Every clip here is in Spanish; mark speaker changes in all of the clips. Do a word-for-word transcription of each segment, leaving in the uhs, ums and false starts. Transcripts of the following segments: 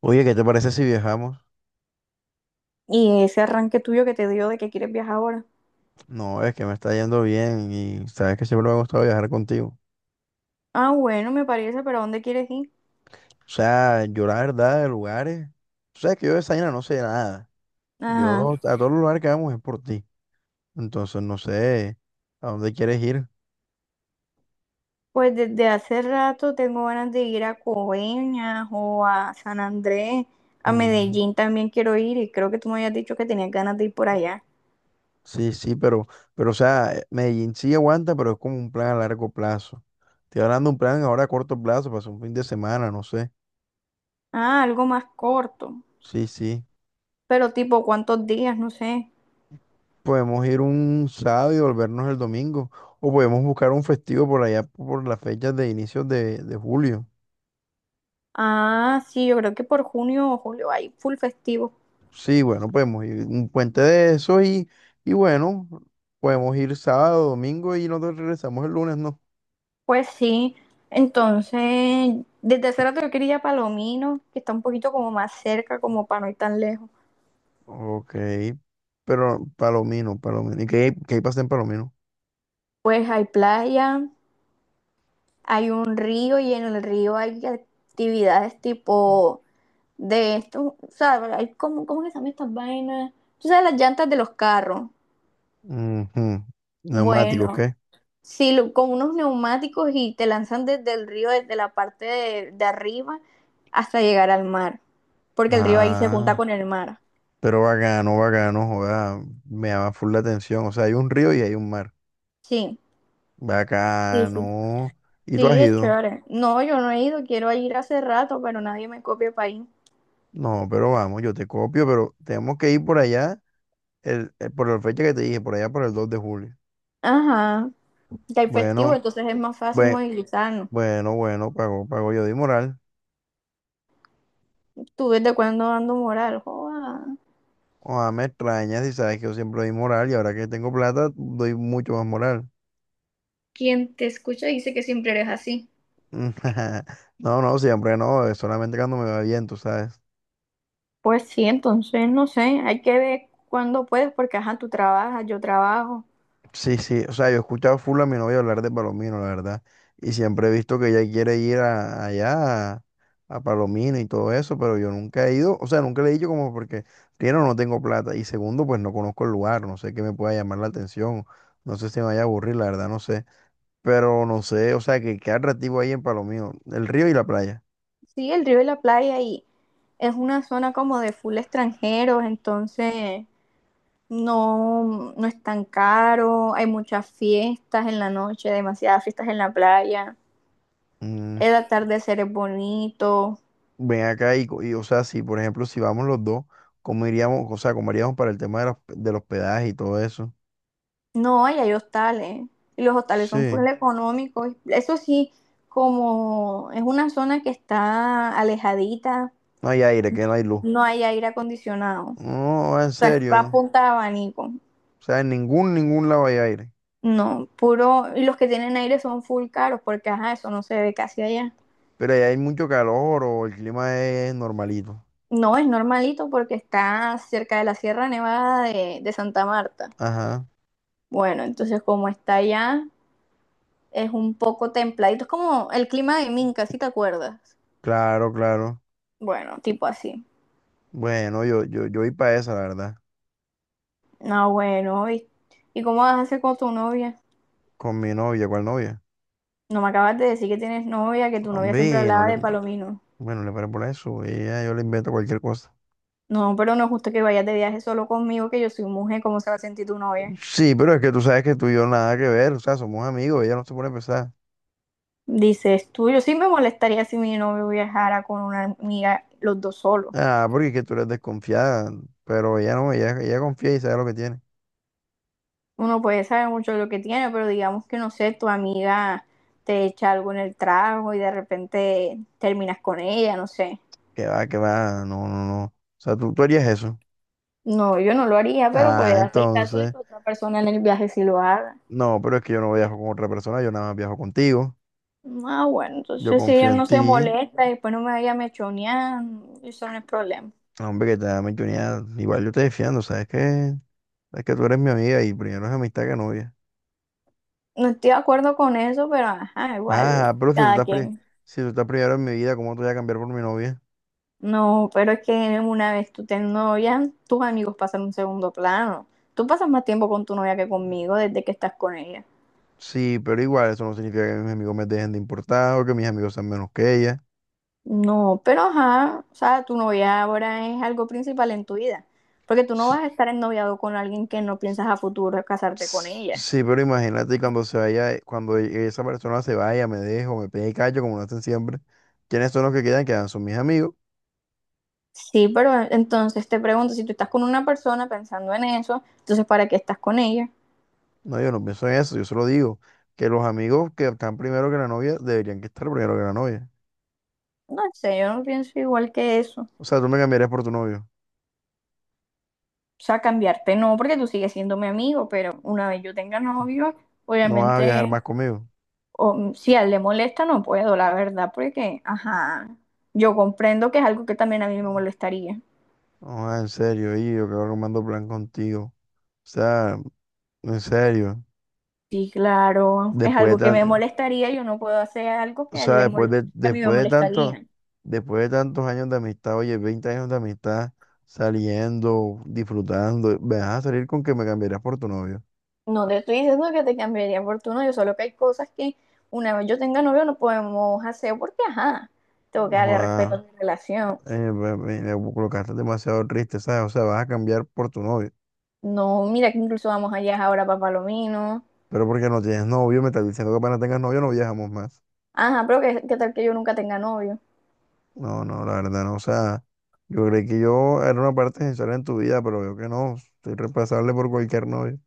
Speaker 1: Oye, ¿qué te parece si viajamos?
Speaker 2: Y ese arranque tuyo que te dio de que quieres viajar ahora.
Speaker 1: No, es que me está yendo bien y sabes que siempre me ha gustado viajar contigo.
Speaker 2: Ah, bueno, me parece, pero ¿a dónde quieres ir?
Speaker 1: O sea, yo la verdad de lugares, o sea, que yo de esa vaina no sé nada.
Speaker 2: Ajá.
Speaker 1: Yo a todos los lugares que vamos es por ti. Entonces no sé a dónde quieres ir.
Speaker 2: Pues desde hace rato tengo ganas de ir a Coveñas o a San Andrés. A
Speaker 1: Mm,
Speaker 2: Medellín también quiero ir y creo que tú me habías dicho que tenías ganas de ir por allá.
Speaker 1: sí, sí, pero, pero o sea, eh, Medellín sí aguanta, pero es como un plan a largo plazo. Estoy hablando de un plan ahora a corto plazo, para hacer un fin de semana, no sé.
Speaker 2: Ah, algo más corto.
Speaker 1: Sí, sí.
Speaker 2: Pero tipo, ¿cuántos días? No sé.
Speaker 1: Podemos ir un sábado y volvernos el domingo. O podemos buscar un festivo por allá por las fechas de inicios de, de julio.
Speaker 2: Ah, sí, yo creo que por junio o julio hay full festivo.
Speaker 1: Sí, bueno, podemos ir un puente de eso y, y bueno, podemos ir sábado, domingo y nosotros regresamos el lunes, ¿no?
Speaker 2: Pues sí. Entonces, desde hace rato yo quería ir a Palomino, que está un poquito como más cerca, como para no ir tan lejos.
Speaker 1: Ok, pero Palomino, Palomino. ¿Y qué, hay- qué hay para hacer en Palomino?
Speaker 2: Pues hay playa, hay un río y en el río hay actividades tipo de esto, o sea, hay como, ¿cómo que se llaman estas vainas? Tú sabes, las llantas de los carros.
Speaker 1: Ujú. Neumáticos,
Speaker 2: Bueno,
Speaker 1: ¿qué?
Speaker 2: sí, lo- con unos neumáticos y te lanzan desde el río, desde la parte de, de arriba hasta llegar al mar, porque el río ahí se junta
Speaker 1: Ah,
Speaker 2: con el mar.
Speaker 1: pero bacano, bacano, joda, me llama full la atención. O sea, hay un río y hay un mar.
Speaker 2: Sí, sí, sí.
Speaker 1: Bacano. ¿Y tú has
Speaker 2: Sí, es
Speaker 1: ido?
Speaker 2: chévere. No, yo no he ido, quiero ir hace rato, pero nadie me copia para ir.
Speaker 1: No, pero vamos, yo te copio, pero tenemos que ir por allá, el, eh, por la fecha que te dije, por allá por el dos de julio.
Speaker 2: Ajá. Ya hay festivo,
Speaker 1: Bueno,
Speaker 2: entonces es más fácil
Speaker 1: bueno,
Speaker 2: movilizarnos.
Speaker 1: bueno, bueno, pago, pago, yo di moral.
Speaker 2: ¿Tú desde cuándo dando moral? Joda.
Speaker 1: Ojalá me extrañas y sabes que yo siempre doy moral y ahora que tengo plata doy mucho más moral.
Speaker 2: Quien te escucha dice que siempre eres así.
Speaker 1: No, no, siempre no, es solamente cuando me va bien, tú sabes.
Speaker 2: Pues sí, entonces no sé, hay que ver cuándo puedes, porque ajá, tú trabajas, yo trabajo.
Speaker 1: Sí, sí, o sea, yo he escuchado full a mi novia hablar de Palomino, la verdad, y siempre he visto que ella quiere ir a- allá, a, a Palomino y todo eso, pero yo nunca he ido, o sea, nunca le he dicho como porque, primero, no tengo plata, y segundo, pues no conozco el lugar, no sé qué me pueda llamar la atención, no sé si me vaya a aburrir, la verdad, no sé, pero no sé, o sea, que qué atractivo hay en Palomino, el río y la playa.
Speaker 2: Sí, el río y la playa y es una zona como de full extranjeros, entonces no, no es tan caro, hay muchas fiestas en la noche, demasiadas fiestas en la playa,
Speaker 1: Mm,
Speaker 2: el atardecer es bonito.
Speaker 1: ven acá y, co- y, o sea, si, por ejemplo, si vamos los dos, ¿cómo iríamos, o sea, cómo haríamos para el tema de los, del hospedaje y todo eso?
Speaker 2: No, y hay hostales. Y los hostales son
Speaker 1: Sí.
Speaker 2: full económicos. Eso sí, como es una zona que está alejadita,
Speaker 1: No hay aire, que no hay luz.
Speaker 2: no hay aire acondicionado. O
Speaker 1: No, en
Speaker 2: sea, es
Speaker 1: serio.
Speaker 2: a
Speaker 1: ¿No?
Speaker 2: punta de abanico.
Speaker 1: O sea, en ningún, ningún lado hay aire.
Speaker 2: No, puro. Y los que tienen aire son full caros porque, ajá, eso no se ve casi allá.
Speaker 1: Pero allá hay mucho calor o el clima es normalito.
Speaker 2: No, es normalito porque está cerca de la Sierra Nevada de, de Santa Marta.
Speaker 1: Ajá,
Speaker 2: Bueno, entonces como está allá, es un poco templadito. Es como el clima de Minca, si te acuerdas.
Speaker 1: claro, claro.
Speaker 2: Bueno, tipo así.
Speaker 1: Bueno, yo, yo, yo voy para esa, la verdad.
Speaker 2: No, bueno, ¿y, ¿y cómo vas a hacer con tu novia?
Speaker 1: Con mi novia, ¿cuál novia?
Speaker 2: No me acabas de decir que tienes novia, que tu novia siempre
Speaker 1: Hombre, no
Speaker 2: hablaba
Speaker 1: le,
Speaker 2: de Palomino.
Speaker 1: bueno, le paré por eso. Ella, yo le invento cualquier cosa.
Speaker 2: No, pero no es justo que vayas de viaje solo conmigo, que yo soy mujer, ¿cómo se va a sentir tu novia?
Speaker 1: Sí, pero es que tú sabes que tú y yo nada que ver. O sea, somos amigos, ella no se pone pesada.
Speaker 2: Dices tú, yo sí me molestaría si mi novio viajara con una amiga, los dos solos.
Speaker 1: Ah, porque es que tú eres desconfiada. Pero ella no, ella, ella confía y sabe lo que tiene.
Speaker 2: Uno puede saber mucho de lo que tiene, pero digamos que no sé, tu amiga te echa algo en el trago y de repente terminas con ella, no sé.
Speaker 1: Que va, que va, no, no, no. O sea, tú, tú harías eso.
Speaker 2: No, yo no lo haría, pero
Speaker 1: Ah,
Speaker 2: puede hacer caso de
Speaker 1: entonces,
Speaker 2: que otra persona en el viaje sí lo haga.
Speaker 1: no, pero es que yo no viajo con otra persona, yo nada más viajo contigo.
Speaker 2: Ah, bueno,
Speaker 1: Yo
Speaker 2: entonces si
Speaker 1: confío
Speaker 2: ella
Speaker 1: en
Speaker 2: no se
Speaker 1: ti.
Speaker 2: molesta y después no me vaya a mechonear, eso no es problema.
Speaker 1: Hombre, que te da oportunidad. Igual yo te defiendo, ¿sabes que... Sabes que tú eres mi amiga y primero es amistad que novia.
Speaker 2: No estoy de acuerdo con eso, pero ajá, igual,
Speaker 1: Ah, pero si tú
Speaker 2: cada
Speaker 1: estás, pri-
Speaker 2: quien.
Speaker 1: si tú estás primero en mi vida, ¿cómo te voy a cambiar por mi novia?
Speaker 2: No, pero es que una vez tú te novia, tus amigos pasan un segundo plano. Tú pasas más tiempo con tu novia que conmigo desde que estás con ella.
Speaker 1: Sí, pero igual eso no significa que mis amigos me dejen de importar o que mis amigos sean menos que ella.
Speaker 2: No, pero ajá, o sea, tu novia ahora es algo principal en tu vida. Porque tú no
Speaker 1: S-
Speaker 2: vas a estar ennoviado con alguien que no piensas a futuro casarte con
Speaker 1: s-
Speaker 2: ella.
Speaker 1: Sí, pero imagínate cuando se vaya, eh, cuando e, esa persona se vaya, me dejo, me pegue y callo, como lo hacen siempre. ¿Quiénes son los que quedan? Quedan son mis amigos.
Speaker 2: Sí, pero entonces te pregunto, si tú estás con una persona pensando en eso, entonces ¿para qué estás con ella?
Speaker 1: No, yo no pienso en eso, yo solo digo que los amigos que están primero que la novia deberían que estar primero que la novia.
Speaker 2: No sé, yo no pienso igual que eso.
Speaker 1: O sea, tú me cambiarías por tu novio.
Speaker 2: O sea, cambiarte no, porque tú sigues siendo mi amigo, pero una vez yo tenga novio,
Speaker 1: No vas a viajar
Speaker 2: obviamente,
Speaker 1: más conmigo.
Speaker 2: o, si a él le molesta, no puedo, la verdad, porque, ajá, yo comprendo que es algo que también a mí me molestaría.
Speaker 1: No, ah, en serio, y yo que armando plan contigo. O sea, en serio.
Speaker 2: Sí, claro, es
Speaker 1: Después de
Speaker 2: algo que me
Speaker 1: tan,
Speaker 2: molestaría, yo no puedo hacer algo
Speaker 1: o
Speaker 2: que a él
Speaker 1: sea,
Speaker 2: le
Speaker 1: después
Speaker 2: moleste,
Speaker 1: de,
Speaker 2: a mí me
Speaker 1: después de tanto,
Speaker 2: molestaría.
Speaker 1: después de tantos años de amistad, oye, veinte años de amistad, saliendo, disfrutando, me vas a salir con que me cambiarías por tu novio.
Speaker 2: No te estoy diciendo que te cambiaría por tu novio, solo que hay cosas que una vez yo tenga novio no podemos hacer porque, ajá, tengo que darle
Speaker 1: No,
Speaker 2: respeto a mi relación.
Speaker 1: eh, me- me- me colocaste demasiado triste, ¿sabes? O sea, vas a cambiar por tu novio.
Speaker 2: No, mira que incluso vamos allá ahora para Palomino.
Speaker 1: Pero porque no tienes novio, me estás diciendo que apenas tengas novio no viajamos más.
Speaker 2: Ajá, pero ¿qué, qué tal que yo nunca tenga novio?
Speaker 1: No, no, la verdad no. O sea, yo creí que yo era una parte esencial en tu vida, pero veo que no. Soy reemplazable por cualquier novio.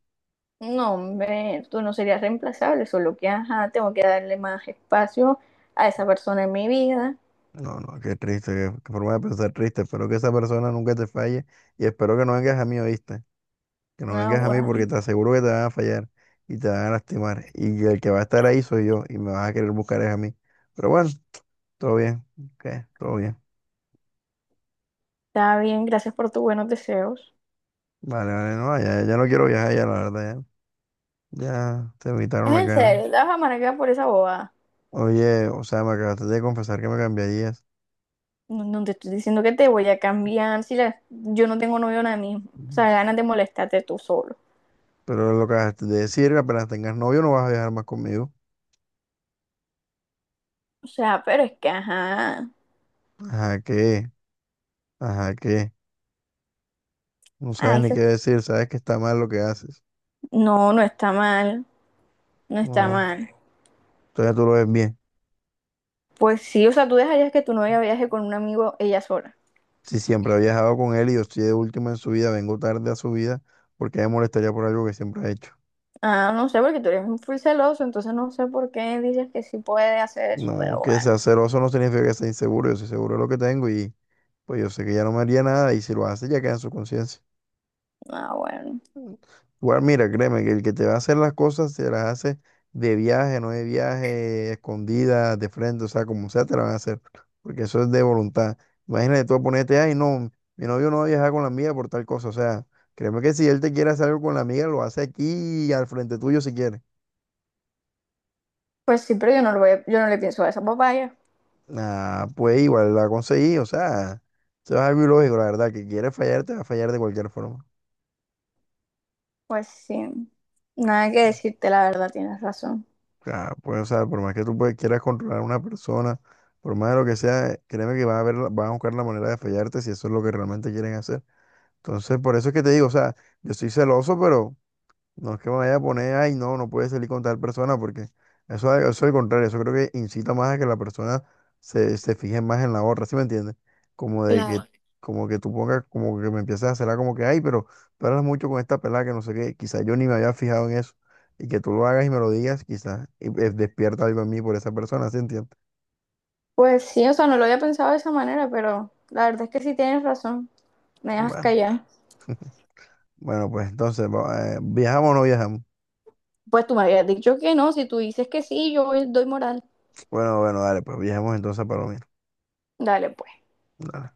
Speaker 2: No, hombre, tú no serías reemplazable, solo que, ajá, tengo que darle más espacio a esa persona en mi vida.
Speaker 1: No, no, qué triste, qué, qué forma de pensar triste. Espero que esa persona nunca te falle y espero que no vengas a mí, ¿oíste? Que no
Speaker 2: Ah,
Speaker 1: vengas a mí porque
Speaker 2: bueno,
Speaker 1: te aseguro que te van a fallar y te van a lastimar. Y el que va a estar ahí soy yo y me vas a querer buscar es a mí. Pero bueno, todo bien. Ok, todo bien.
Speaker 2: está bien, gracias por tus buenos deseos.
Speaker 1: Vale, vale, no, ya, ya no quiero viajar ya, la verdad, ya. Ya te evitaron
Speaker 2: Es
Speaker 1: la
Speaker 2: en
Speaker 1: cara.
Speaker 2: serio, te vas a amargar por esa bobada.
Speaker 1: Oye, o sea, me acabaste de confesar que me cambiarías.
Speaker 2: No, no te estoy diciendo que te voy a cambiar si la- yo no tengo novio ahora mismo. O
Speaker 1: Ujú.
Speaker 2: sea, ganas de molestarte tú solo.
Speaker 1: Pero lo que acabaste de decir, que apenas tengas novio no vas a viajar más conmigo.
Speaker 2: O sea, pero es que, ajá.
Speaker 1: Ajá, ¿qué? Ajá, ¿qué? No sabes
Speaker 2: Ay,
Speaker 1: ni
Speaker 2: se-
Speaker 1: qué decir, sabes que está mal lo que haces.
Speaker 2: no, no está mal. No está
Speaker 1: No,
Speaker 2: mal.
Speaker 1: entonces tú lo ves bien.
Speaker 2: Pues sí, o sea, tú dejarías que tu novia viaje con un amigo ella sola.
Speaker 1: Si siempre he viajado con él y yo estoy de último en su vida, vengo tarde a su vida, ¿porque me molestaría por algo que siempre ha hecho?
Speaker 2: Ah, no sé, porque tú eres un full celoso, entonces no sé por qué dices que sí puede hacer eso,
Speaker 1: No,
Speaker 2: pero
Speaker 1: que
Speaker 2: bueno.
Speaker 1: sea celoso no significa que sea inseguro. Yo soy seguro de lo que tengo y pues yo sé que ya no me haría nada y si lo hace ya queda en su conciencia.
Speaker 2: Ah, bueno.
Speaker 1: Igual, mira, créeme que el que te va a hacer las cosas se las hace de viaje, no de viaje, escondida, de frente, o sea, como sea, te la van a hacer. Porque eso es de voluntad. Imagínate tú ponerte, ay, no, mi novio no va a viajar con la amiga por tal cosa. O sea, créeme que si él te quiere hacer algo con la amiga, lo hace aquí al frente tuyo si quiere.
Speaker 2: Pues sí, pero yo no lo voy a- yo no le pienso a esa papaya.
Speaker 1: Ah, pues igual la conseguí, o sea, eso es algo ilógico, la verdad, que quieres fallar, te va a fallar de cualquier forma.
Speaker 2: Pues sí. Nada que decirte, la verdad, tienes razón.
Speaker 1: Ah, pues, o sea, por más que tú pues, quieras controlar a una persona, por más de lo que sea, créeme que van a ver, la- van a buscar la manera de fallarte si eso es lo que realmente quieren hacer. Entonces, por eso es que te digo, o sea, yo estoy celoso, pero no es que me vaya a poner, ay, no, no puede salir con tal persona, porque eso, eso es al contrario, eso creo que incita más a que la persona se, se fije más en la otra, ¿sí me entiendes? Como de que,
Speaker 2: Claro.
Speaker 1: como que tú pongas, como que me empieces a hacerla como que, ay, pero tú hablas mucho con esta pelada que no sé qué, quizás yo ni me había fijado en eso, y que tú lo hagas y me lo digas, quizás y, eh, despierta algo en mí por esa persona, ¿sí entiendes?
Speaker 2: Pues sí, o sea, no lo había pensado de esa manera, pero la verdad es que sí tienes razón. Me dejas
Speaker 1: Bueno,
Speaker 2: callar.
Speaker 1: bueno, pues entonces, va- eh, ¿viajamos o no viajamos?
Speaker 2: Pues tú me habías dicho que no, si tú dices que sí, yo doy moral.
Speaker 1: Bueno, bueno, dale, pues viajamos entonces a Palomino.
Speaker 2: Dale, pues.
Speaker 1: Dale.